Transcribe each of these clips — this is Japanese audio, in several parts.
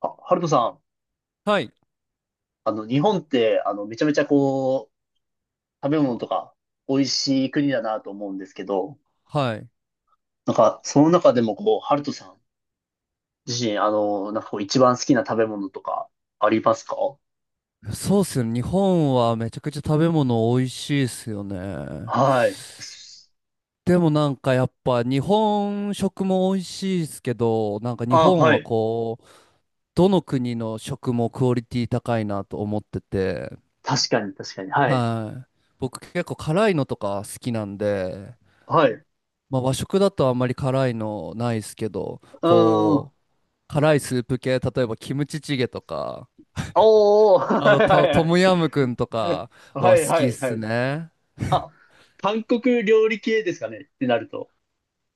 あ、ハルトさん、はい。日本って、めちゃめちゃこう、食べ物とか、美味しい国だなと思うんですけど、はい。なんか、その中でもこう、ハルトさん自身、なんかこう、一番好きな食べ物とかありますか？そうっすよね。日本はめちゃくちゃ食べ物美味しいっすよね。はい。でもなんかやっぱ日本食も美味しいですけど、なんか日あ、本ははい。こう、どの国の食もクオリティ高いなと思ってて、確かに、確かに。はい。はい。僕結構辛いのとか好きなんで、はい。うまあ和食だとあんまり辛いのないですけど、ーん。こう、辛いスープ系、例えばキムチチゲとか、おー、トはムヤムクンとかい、ははい、好はきっい。はい。すはいね。あ、韓国料理系ですかねってなると。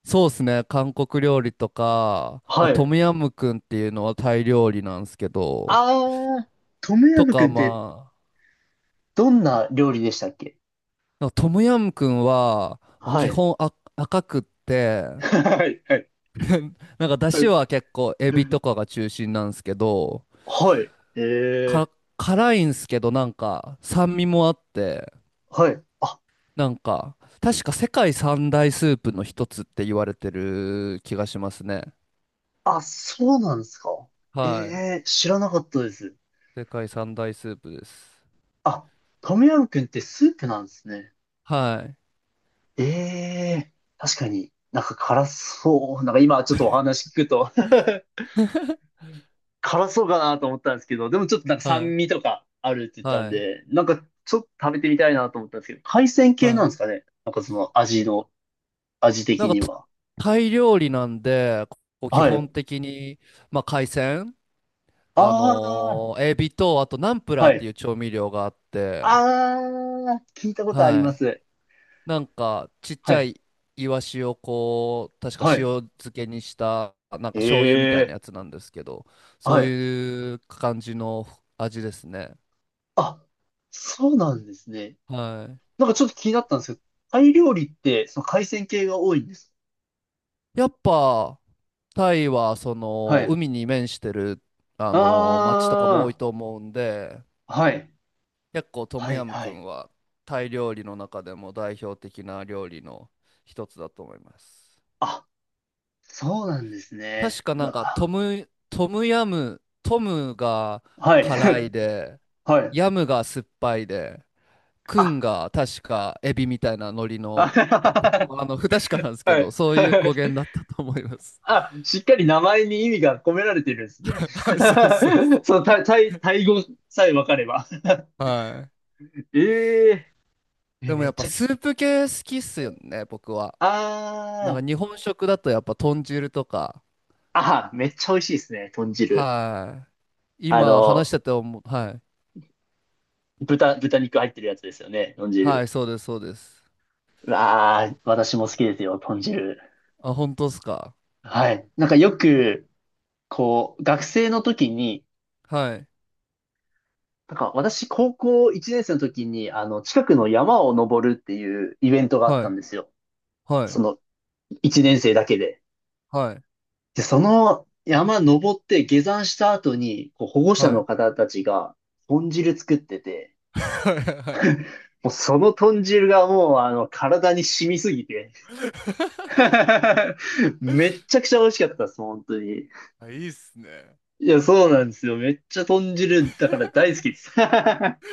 そうっすね。韓国料理とか、まあ、はトい。ムヤムクンっていうのはタイ料理なんですけど、あー、トムヤとムくかんってまあ、どんな料理でしたっけ？なんかトムヤムクンは、まあ、は基い。本赤くって、はい、はい。なんか出汁は結構エビとかが中心なんですけど、はい。ええか辛いんすけどなんか酸味もあって、はい。あ、なんか確か世界三大スープの一つって言われてる気がしますね。あ、そうなんですか？えはい。え知らなかったです。世界三大スープです。あ、トムヤムクンってスープなんですね。はい。ええ確かになんか辛そう。なんか今ちょっとお話聞くと 辛そうかなと思ったんですけど、でもちょっとなんかは酸い。味とかあるって言ったんはい。で、なんかちょっと食べてみたいなと思ったんですけど、海鮮は系なんでい。すかね。なんかその味の、味なん的か、には。タイ料理なんで、こう基はい。本的に、まあ、海鮮、あエビと、あとナンプあ、ラーはっていい。う調味料があって、ああ、聞いたことありはまい。す。なんか、ちっちはゃい。いイワシをこう、確かは塩い。漬けにした、なんかえ醤油みたいなえ、やつなんですけど、はそうい。いう感じの味ですね。あ、そうなんですね。はなんかちょっと気になったんですけど、タイ料理って、その海鮮系が多いんです？い。やっぱ、タイはそはのい。海に面してるあの町とかも多いあと思うんで、あ、はい。結構トムはい、ヤムはクい。ンはタイ料理の中でも代表的な料理の一つだと思います。あ、そうなんです確ね。かうなんかわ。トムヤム、トムがはい。辛いで、 はい。ヤムが酸っぱいで、クンあ、が確かエビみたいな海苔あ の、僕 も不確かなんですけはど、い。そういう語源だったと思います。 あ、しっかり名前に意味が込められてるんですね。はい、そうそうそ その、タイ、タイタイ語さえ分かれば。う。はい。えええでもめっやっぱちゃ、スープ系好きっすよね、僕は。なんかあ日本食だとやっぱ豚汁とか。あ、あめっちゃ美味しいですね、豚汁。はい。あ今話しの、てて思う。はい。豚肉入ってるやつですよね、豚は汁。い、そうです、そうです。わあ私も好きですよ、豚汁。あ、本当っすか。はい。なんかよく、こう、学生の時に、はい。なんか私、高校1年生の時に、近くの山を登るっていうイベントがあっはたい。んですよ。はそい。の、1年生だけで。はい。で、その山登って下山した後に、こう保護者はのい。方たちが豚汁作ってて、はい。もうその豚汁がもう体に染みすぎて めっちゃくちゃ美味しかったです、本当に。はい。いいっすね。いや、そうなんですよ。めっちゃ豚汁だから大好きです。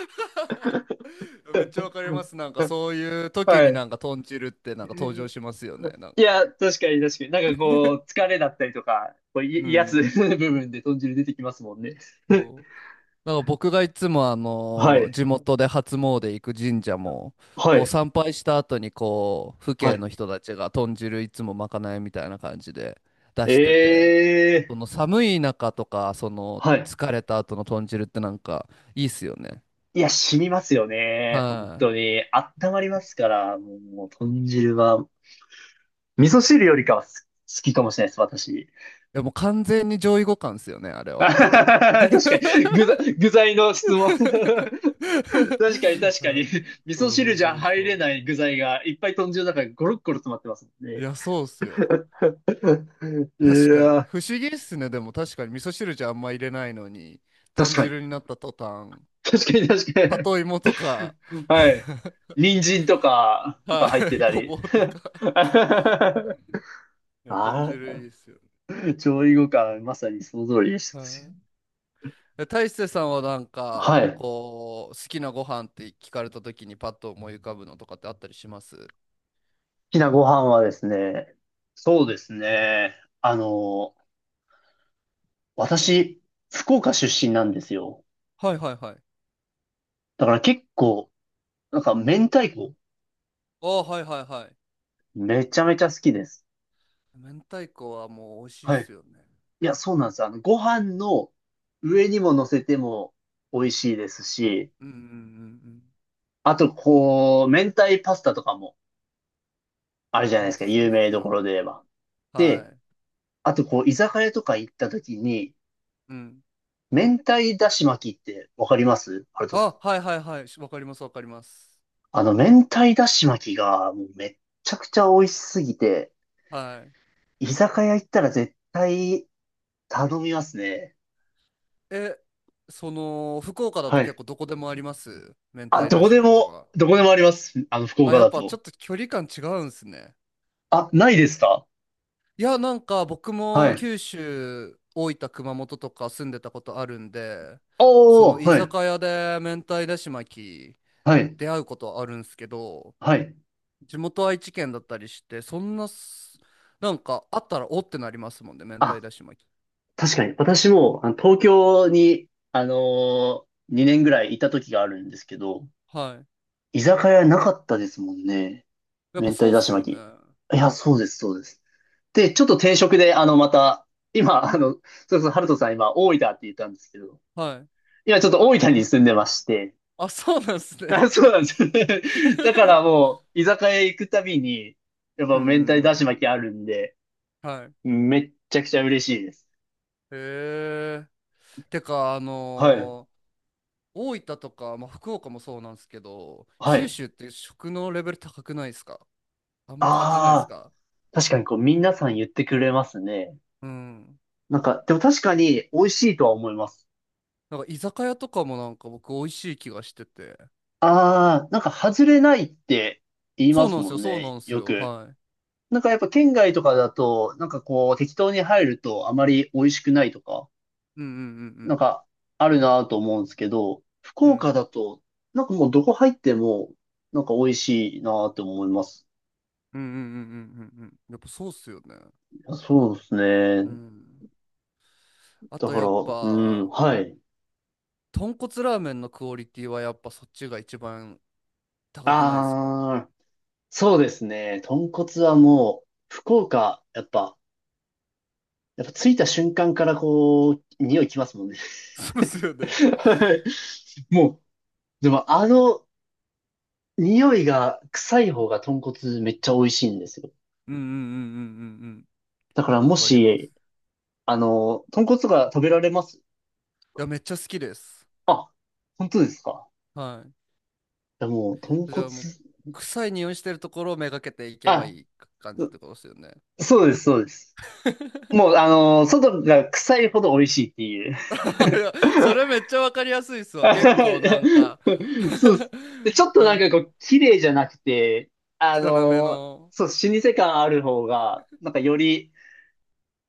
めっちゃわかります。なんかそういう時はにい。なんか豚汁ってなんか登場しますよね。なんいか。や、確かに確かに。なんかこう、疲れだったりとか、こう、う癒やつ ん。部分で豚汁出てきますもんね。そう。なんか僕がいつもあはのい。地元で初詣行く神社も、はこうい。参拝した後にこう父は兄い。の人たちが豚汁いつもまかないみたいな感じで出してて、えそえの寒い中とかそのはい。疲れた後の豚汁ってなんかいいっすよね。いや、染みますよはね。本当い。に。温まりますから、もう、もう豚汁は、味噌汁よりかは好きかもしれないです、私。いやもう完全に上位互換っすよね、あれ あはは。 はは確かに、具材、具材の質問。確かに、確かに。はい、味噌そうそ汁うじゃそう入れそない具材がいっぱい豚汁の中にゴロッゴロ詰まってますもんう、いね。や、そうっすよ。確うかに。わ、不思議っすね。でも確かに味噌汁じゃあんま入れないのに、確豚かに。汁になった途端、確かに、確かに。里芋とか、はい。人参とか、は入ってい、たごぼり。うとか。いや、豚汁あ、いいっすよね。調理後からまさにその通りでしはい。え大勢さんはなんた。はか、い。好こう、好きなご飯って聞かれた時にパッと思い浮かぶのとかってあったりします？きなご飯はですね、そうですね。あの、私、福岡出身なんですよ。はいはいはい。だから結構、なんか明太子。ああ、はいはいはい。めちゃめちゃ好きです。明太子はもう美味しいっはい。すよね。いや、そうなんです。ご飯の上にも乗せても美味しいですし、うんうんうんうん。あと、こう、明太パスタとかもあいるや、じゃなほいでんすか。とそう有っ名すどこよね。ろで言えば。はで、い。あと、こう、居酒屋とか行った時に、うん。明太だし巻きってわかりますハルトさん？あ、はいはいはい。わかりますわかります。明太だし巻きがもうめっちゃくちゃ美味しすぎて、はい。居酒屋行ったら絶対頼みますね。え、福岡だとは結い。構どこでもあります、明あ、太どだこしで巻きも、は？どこでもあります。福あ、岡やっだぱちょと。っと距離感違うんすね。あ、ないですか？いや、なんか僕はもい。九州、大分、熊本とか住んでたことあるんで、そのおー、居はい、酒屋で明太だし巻きはい、出会うことはあるんすけど、はい。地元愛知県だったりして、そんなす、なんかあったらおってなりますもんね、明太あ、だし巻き。確かに。私も、東京に、2年ぐらいいた時があるんですけど、はい。居酒屋なかったですもんね。やっ明ぱそ太うっだしすよ巻き。ね。いや、そうです、そうです。で、ちょっと転職で、また、今、そうそう、ハルトさん今、大分って言ったんですけど、はい。今ちょっと大分に住んでまして、あ、そうなんですね。あ、そうなんです だから もう、居酒屋行くたびに、やっうぱんう明太だしん巻きあるんで、うん。はい。めっちゃくちゃ嬉しいです。へえ。てか、はい。大分とか、まあ、福岡もそうなんですけど、は九い。州って食のレベル高くないですか？あんま感じないですああ、か？確かにこう、皆さん言ってくれますね。うん。なんか、でも確かに美味しいとは思います。なんか居酒屋とかもなんか僕美味しい気がしてて。ああ、なんか外れないって言いそまうすなんでもすよ、んそうね、なんですよよ。く。はい。なんかやっぱ県外とかだと、なんかこう適当に入るとあまり美味しくないとか、うんうんうなんんかあるなぁと思うんですけど、福う岡ん。だと、なんかもうどこ入っても、なんか美味しいなぁって思います。うんうんうんうんうんうんうん、やっぱそうっすよね。そうですうね。ん。あだとかやら、っうん、ぱ、はい。豚骨ラーメンのクオリティはやっぱそっちが一番高くないですか？ ああそうですね。豚骨はもう、福岡、やっぱ着いた瞬間からこう、匂いきますもんね。そうですよね。はいもう、でも匂いが臭い方が豚骨めっちゃ美味しいんですよ。うんうんうんうんうんだからうん。わもかりまし、す。豚骨が食べられます？いや、めっちゃ好きです。あ、本当ですか？はいやもう、豚い。じゃ骨、あもう、臭い匂いしてるところをめがけていけばあ、いい感じっうてことですよね。そうです、そうです。もう、外が臭いほど美味しいっていう。いや、それめっちゃわかりやすいっす わ。結構なんか そうで す。で、ちょっとなんかはこう、綺麗じゃなくて、あい。汚めの、の。そう、老舗感ある方が、なんかより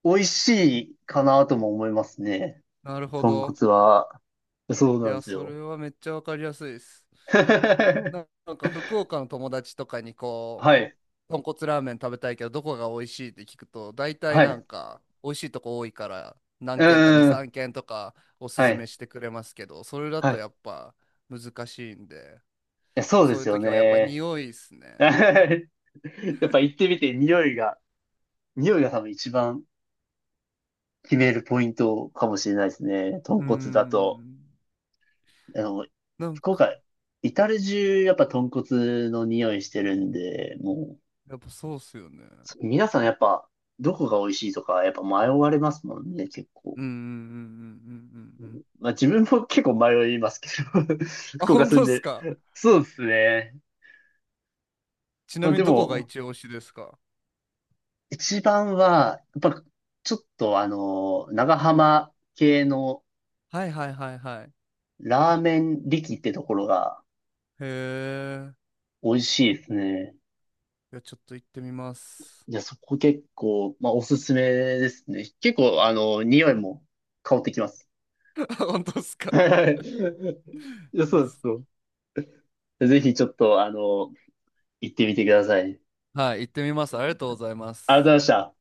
美味しいかなとも思いますね。なるほ豚ど。骨は。そういなんや、ですそよ。れはめっちゃわかりやすいです。はなんか福岡の友達とかにい。豚骨ラーメン食べたいけどどこが美味しいって聞くと、大体はなんい。か美味しいとこ多いから何う軒か2、んん。3軒とかおすはすめい。してくれますけど、それだはい。とやいっぱ難しいんで、や、そうでそういすうよ時はやっぱね。匂いっすね。やっぱ行ってみて、匂いが多分一番決めるポイントかもしれないですね。豚うー骨だと。ん。あの、なん福か岡、至る中、やっぱ豚骨の匂いしてるんで、もう、やっぱそうっすよね。皆さんやっぱ、どこが美味しいとか、やっぱ迷われますもんね、結構。うんうんうんうんうんううんうん。んまあ自分も結構迷いますけど、あ、福岡本住ん当っすで。か？そうですね。ちなまあみにでどこがも、一押しですか？一番は、やっぱ、ちょっと長浜系のはいはいはいはい。ラーメン力ってところがへえ。美味しいですね。いやちょっと行ってみます。いや、そこ結構、まあおすすめですね。結構、匂いも香ってきます。本当っすか？ はい。いや、いそいうっですすね。よ。ぜひちょっと、行ってみてください。はい、行ってみます。ありがとうございまありがす。とうございました。